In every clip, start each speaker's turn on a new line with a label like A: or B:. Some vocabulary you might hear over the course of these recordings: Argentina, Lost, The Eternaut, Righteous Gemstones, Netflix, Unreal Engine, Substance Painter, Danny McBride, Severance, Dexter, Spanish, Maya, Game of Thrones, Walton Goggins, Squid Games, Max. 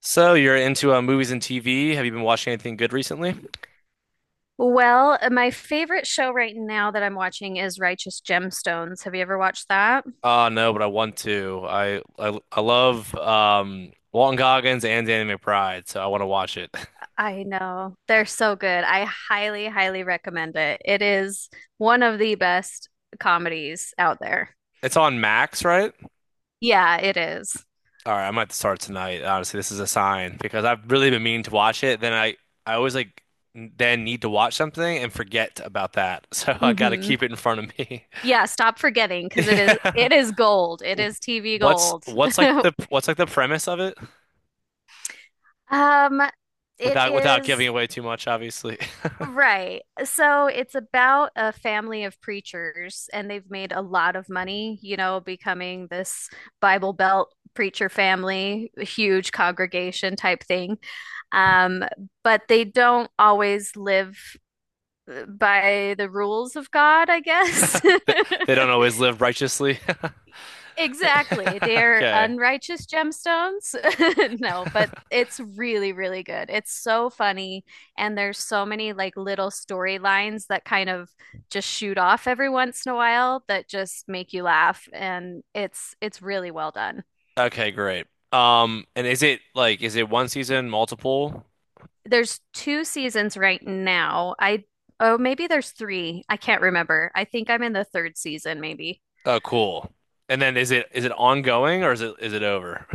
A: So you're into movies and TV. Have you been watching anything good recently?
B: Well, my favorite show right now that I'm watching is Righteous Gemstones. Have you ever watched that?
A: No, but I want to. I love Walton Goggins and Danny McBride, so I want to watch it.
B: I know. They're so good. I highly, highly recommend it. It is one of the best comedies out there.
A: It's on Max, right?
B: Yeah, it is.
A: All right, I might start tonight. Honestly, this is a sign because I've really been meaning to watch it. Then I always like n- then need to watch something and forget about that. So I got to
B: Mm-hmm.
A: keep it in front of me.
B: Yeah, stop forgetting because it is
A: Yeah.
B: it is gold. It is TV
A: What's
B: gold.
A: what's like the what's like the premise of it
B: Um, it
A: without
B: is
A: giving away too much, obviously.
B: Right. So it's about a family of preachers, and they've made a lot of money, you know, becoming this Bible Belt preacher family, huge congregation type thing. Um, but they don't always live by the rules of God, I guess.
A: They they don't always live righteously.
B: Exactly. They're
A: Okay.
B: unrighteous gemstones. No, but it's really, really good. It's so funny. And there's so many like little storylines that kind of just shoot off every once in a while that just make you laugh. And it's really well done.
A: Okay, great. And is it like is it one season, multiple?
B: There's two seasons right now. I oh maybe there's three. I can't remember. I think I'm in the third season maybe.
A: Oh, cool. And then is it ongoing or is it over?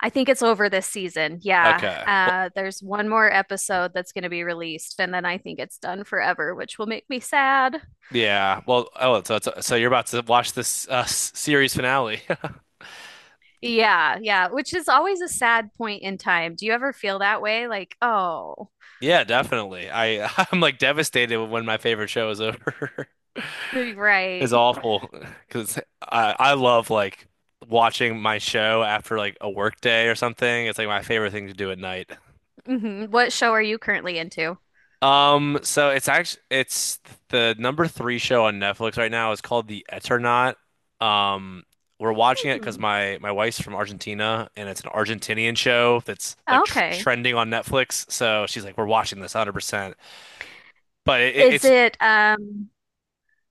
B: I think it's over this season. Yeah.
A: Okay. Well,
B: There's one more episode that's going to be released, and then I think it's done forever, which will make me sad.
A: yeah. Well, oh, so it's, so you're about to watch this series finale.
B: Yeah. Yeah. Which is always a sad point in time. Do you ever feel that way? Like, oh,
A: Yeah, definitely. I I'm like devastated when my favorite show is over. Is
B: right.
A: awful because I love like watching my show after like a work day or something. It's like my favorite thing to do at night.
B: Hmm. What show are you currently into?
A: So it's actually it's the number three show on Netflix right now. It's called The Eternaut. Um, we're watching it because
B: Hmm.
A: my wife's from Argentina and it's an Argentinian show that's like tr
B: Okay.
A: trending on Netflix. So she's like, we're watching this 100%. But it,
B: Is
A: it's
B: it, um,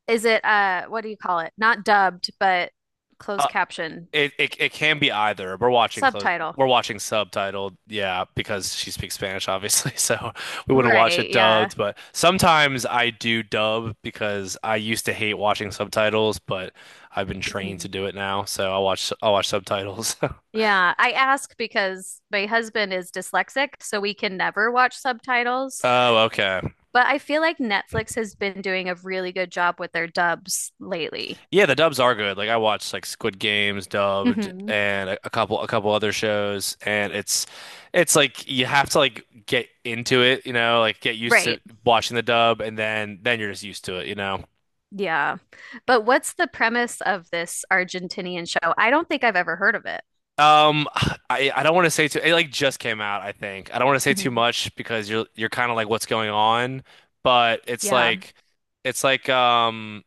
B: is it, what do you call it? Not dubbed, but closed caption,
A: It, it it can be either. We're watching close.
B: subtitle.
A: We're watching subtitled, yeah, because she speaks Spanish, obviously. So we wouldn't watch
B: Right.
A: it
B: Yeah.
A: dubbed. But sometimes I do dub because I used to hate watching subtitles, but I've been trained to do it now. So I watch subtitles.
B: Yeah, I ask because my husband is dyslexic, so we can never watch subtitles.
A: Oh, okay.
B: But I feel like Netflix has been doing a really good job with their dubs lately.
A: Yeah, the dubs are good. Like I watched like Squid Games dubbed
B: Hmm.
A: and a couple other shows and it's like you have to like get into it, you know, like get used to
B: Right.
A: watching the dub and then you're just used to it, you know.
B: Yeah. But what's the premise of this Argentinian show? I don't think I've ever heard of it.
A: Um I don't want to say too it like just came out, I think. I don't want to say too
B: Hmm.
A: much because you're kind of like what's going on, but
B: Yeah.
A: it's like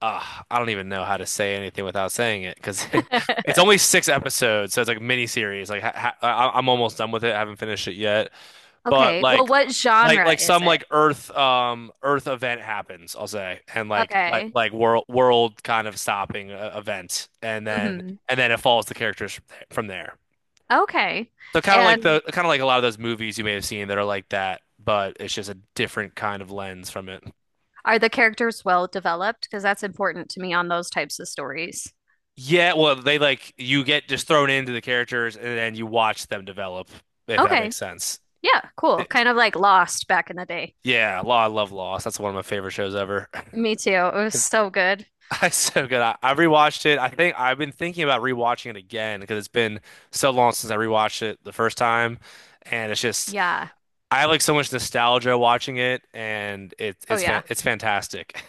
A: uh, I don't even know how to say anything without saying it because it's only six episodes, so it's like mini series. Like ha ha I'm almost done with it. I haven't finished it yet, but
B: Okay. Well, what genre
A: like
B: is
A: some
B: it?
A: like Earth Earth event happens, I'll say, and
B: Okay.
A: world kind of stopping event, and
B: Hmm.
A: then it follows the characters from there. From there.
B: Okay.
A: So
B: And
A: kind of like a lot of those movies you may have seen that are like that, but it's just a different kind of lens from it.
B: are the characters well developed? Because that's important to me on those types of stories.
A: Yeah, well, they like you get just thrown into the characters and then you watch them develop, if that
B: Okay.
A: makes sense.
B: Yeah, cool.
A: Th-
B: Kind of like Lost back in the day.
A: Yeah, I love Lost. That's one of my favorite shows ever.
B: Me too. It was
A: 'Cause
B: so good.
A: it's so good. I rewatched it. I think I've been thinking about rewatching it again because it's been so long since I rewatched it the first time, and it's just
B: Yeah.
A: I have like so much nostalgia watching it, and
B: Oh, yeah.
A: it's fantastic.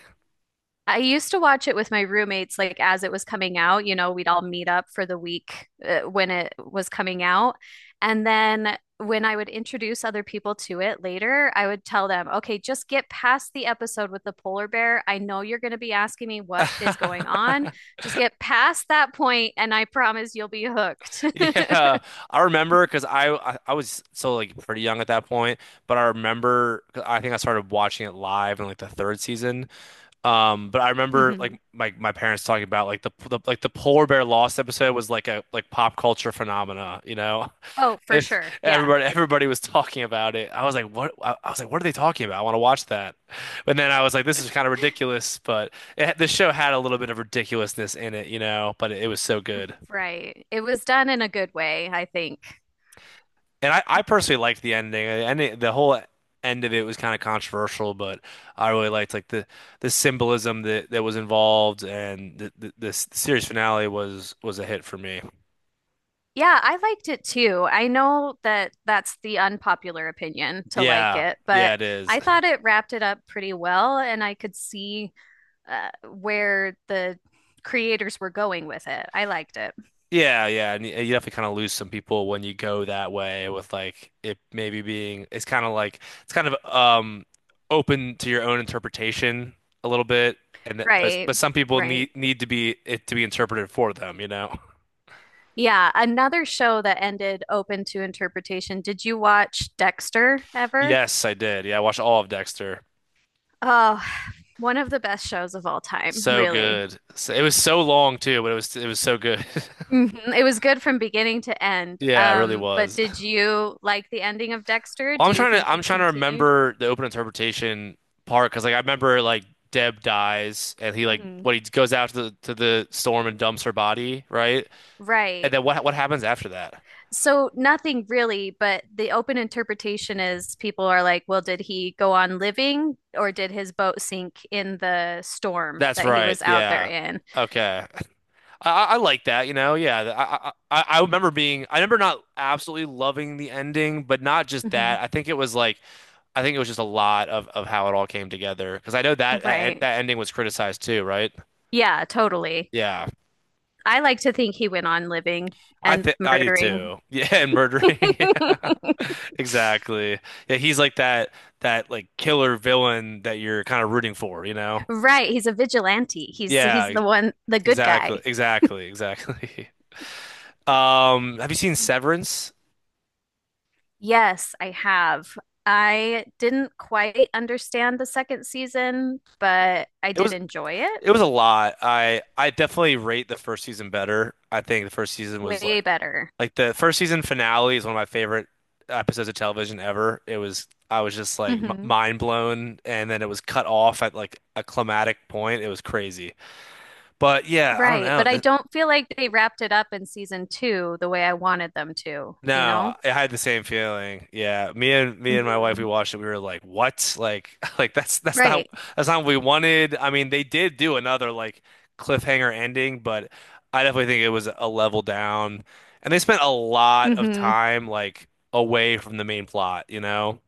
B: I used to watch it with my roommates, like as it was coming out. You know, we'd all meet up for the week when it was coming out. And then when I would introduce other people to it later, I would tell them, okay, just get past the episode with the polar bear. I know you're going to be asking me what is going on. Just get past that point, and I promise you'll be hooked.
A: Yeah, I remember because I was so like pretty young at that point, but I remember 'cause I think I started watching it live in like the third season. But I remember like
B: Mhm.
A: my parents talking about like the polar bear lost episode was like a like pop culture phenomena, you know?
B: Oh, for
A: If
B: sure. Yeah.
A: everybody was talking about it, I was like, what? I was like, what are they talking about? I want to watch that. But then I was like, this is kind of ridiculous. But it, the show had a little bit of ridiculousness in it, you know? But it, was so good.
B: Right. It was done in a good way, I think.
A: And I personally liked the ending. The ending, the whole end of it was kind of controversial, but I really liked like the symbolism that was involved, and the series finale was a hit for me.
B: Yeah, I liked it too. I know that that's the unpopular opinion to like
A: Yeah,
B: it,
A: yeah,
B: but
A: it is.
B: I thought it wrapped it up pretty well, and I could see where the creators were going with it. I liked it.
A: Yeah, yeah, and you definitely kind of lose some people when you go that way with like it maybe being it's kind of open to your own interpretation a little bit, and
B: Right.
A: but some people
B: Right.
A: need to be it to be interpreted for them, you know.
B: Yeah, another show that ended open to interpretation. Did you watch Dexter ever?
A: Yes, I did. Yeah, I watched all of Dexter.
B: Oh, one of the best shows of all time,
A: So
B: really.
A: good. So, it was so long too, but it was so good.
B: Mhm. It was good from beginning to end.
A: Yeah, it really
B: But
A: was.
B: did you like the ending of Dexter?
A: Well,
B: Do you think
A: I'm
B: he
A: trying to
B: continued?
A: remember the open interpretation part because like I remember like Deb dies and he like
B: Hmm.
A: what he goes out to the storm and dumps her body, right? And
B: Right.
A: then what happens after that?
B: So nothing really, but the open interpretation is people are like, well, did he go on living or did his boat sink in the storm
A: That's
B: that he
A: right.
B: was out there
A: Yeah.
B: in?
A: Okay. I like that, you know. Yeah, I remember being I remember not absolutely loving the ending, but not just
B: Mhm.
A: that. I think it was like. I think it was just a lot of how it all came together because I know
B: Right.
A: that ending was criticized too, right?
B: Yeah, totally.
A: Yeah,
B: I like to think he went on living
A: I
B: and
A: think I do
B: murdering.
A: too. Yeah, and murdering. Yeah, exactly. Yeah, he's like that like killer villain that you're kind of rooting for, you know?
B: Right. He's a vigilante. He's
A: Yeah,
B: he's the one, the good guy.
A: exactly, exactly, exactly. Have you seen Severance?
B: Yes, I have. I didn't quite understand the second season, but I
A: It
B: did
A: was
B: enjoy it
A: a lot. I definitely rate the first season better. I think the first season was
B: way
A: like
B: better.
A: Like the first season finale is one of my favorite episodes of television ever. It was I was just like m
B: Hmm.
A: mind blown, and then it was cut off at like a climatic point. It was crazy. But yeah, I don't
B: Right,
A: know.
B: but I don't feel like they wrapped it up in season two the way I wanted them to, you
A: No,
B: know?
A: I had the same feeling. Yeah, me and my wife
B: Hmm.
A: we watched it. We were like, "What? Like, like
B: Right,
A: that's not what we wanted." I mean, they did do another like cliffhanger ending, but I definitely think it was a level down. And they spent a lot of
B: hmm,
A: time like away from the main plot, you know?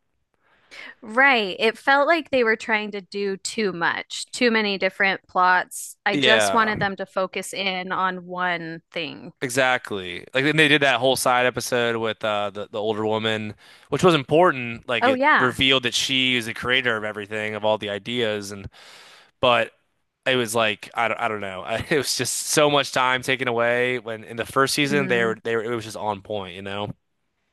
B: right. It felt like they were trying to do too much, too many different plots. I just
A: Yeah,
B: wanted them to focus in on one thing.
A: exactly. Like then they did that whole side episode with the older woman, which was important. Like
B: Oh,
A: it
B: yeah.
A: revealed that she is the creator of everything, of all the ideas and but it was like I don't know. It was just so much time taken away when in the first season they were it was just on point, you know?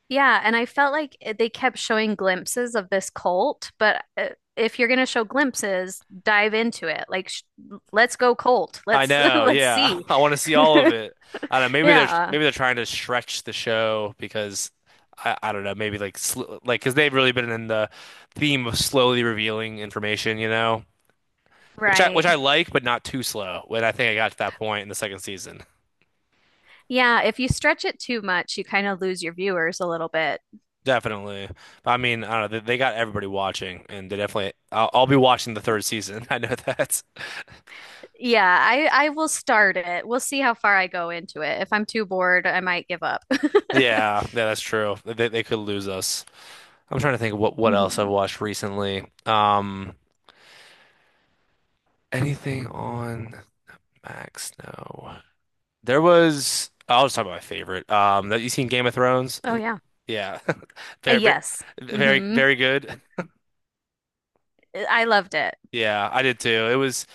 B: Yeah, and I felt like it- they kept showing glimpses of this cult, but if you're going to show glimpses, dive into it. Like sh let's go cult.
A: I
B: Let's
A: know,
B: let's
A: yeah.
B: see.
A: I want to see all of it. I don't know.
B: Yeah,
A: Maybe they're trying to stretch the show because I don't know. Maybe like because they've really been in the theme of slowly revealing information, you know, which
B: right.
A: I like, but not too slow. When I think I got to that point in the second season,
B: Yeah, if you stretch it too much, you kind of lose your viewers a little bit.
A: definitely. But I mean, I don't know. They got everybody watching, and they definitely. I'll be watching the third season. I know that.
B: Yeah, I will start it. We'll see how far I go into it. If I'm too bored, I might give up.
A: Yeah, yeah, that's true. They could lose us. I'm trying to think of what else I've
B: Mhm.
A: watched recently. Anything on Max? No. There was I'll just talk about my favorite. That you seen Game of Thrones?
B: Oh yeah.
A: Yeah. Very, very,
B: Yes.
A: very,
B: Hmm.
A: very good.
B: I loved it.
A: Yeah, I did too. It was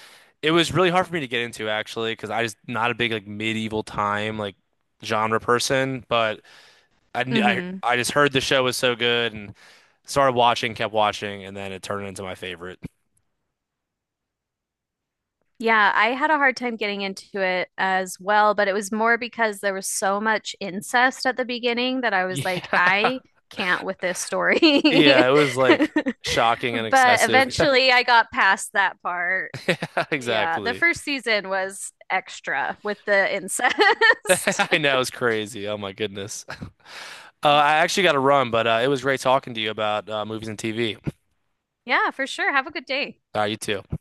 A: really hard for me to get into actually because I just not a big like medieval time like genre person, but I, kn-
B: Mm-hmm.
A: I just heard the show was so good and started watching, kept watching, and then it turned into my favorite.
B: Yeah, I had a hard time getting into it as well, but it was more because there was so much incest at the beginning that I was like,
A: Yeah.
B: I can't with this story.
A: Yeah, it was like shocking and
B: But
A: excessive.
B: eventually I got past that part.
A: Yeah,
B: Yeah, the
A: exactly.
B: first season was extra with the incest.
A: I know it's crazy. Oh my goodness. I actually got to run, but it was great talking to you about movies and TV.
B: Yeah, for sure. Have a good day.
A: You too.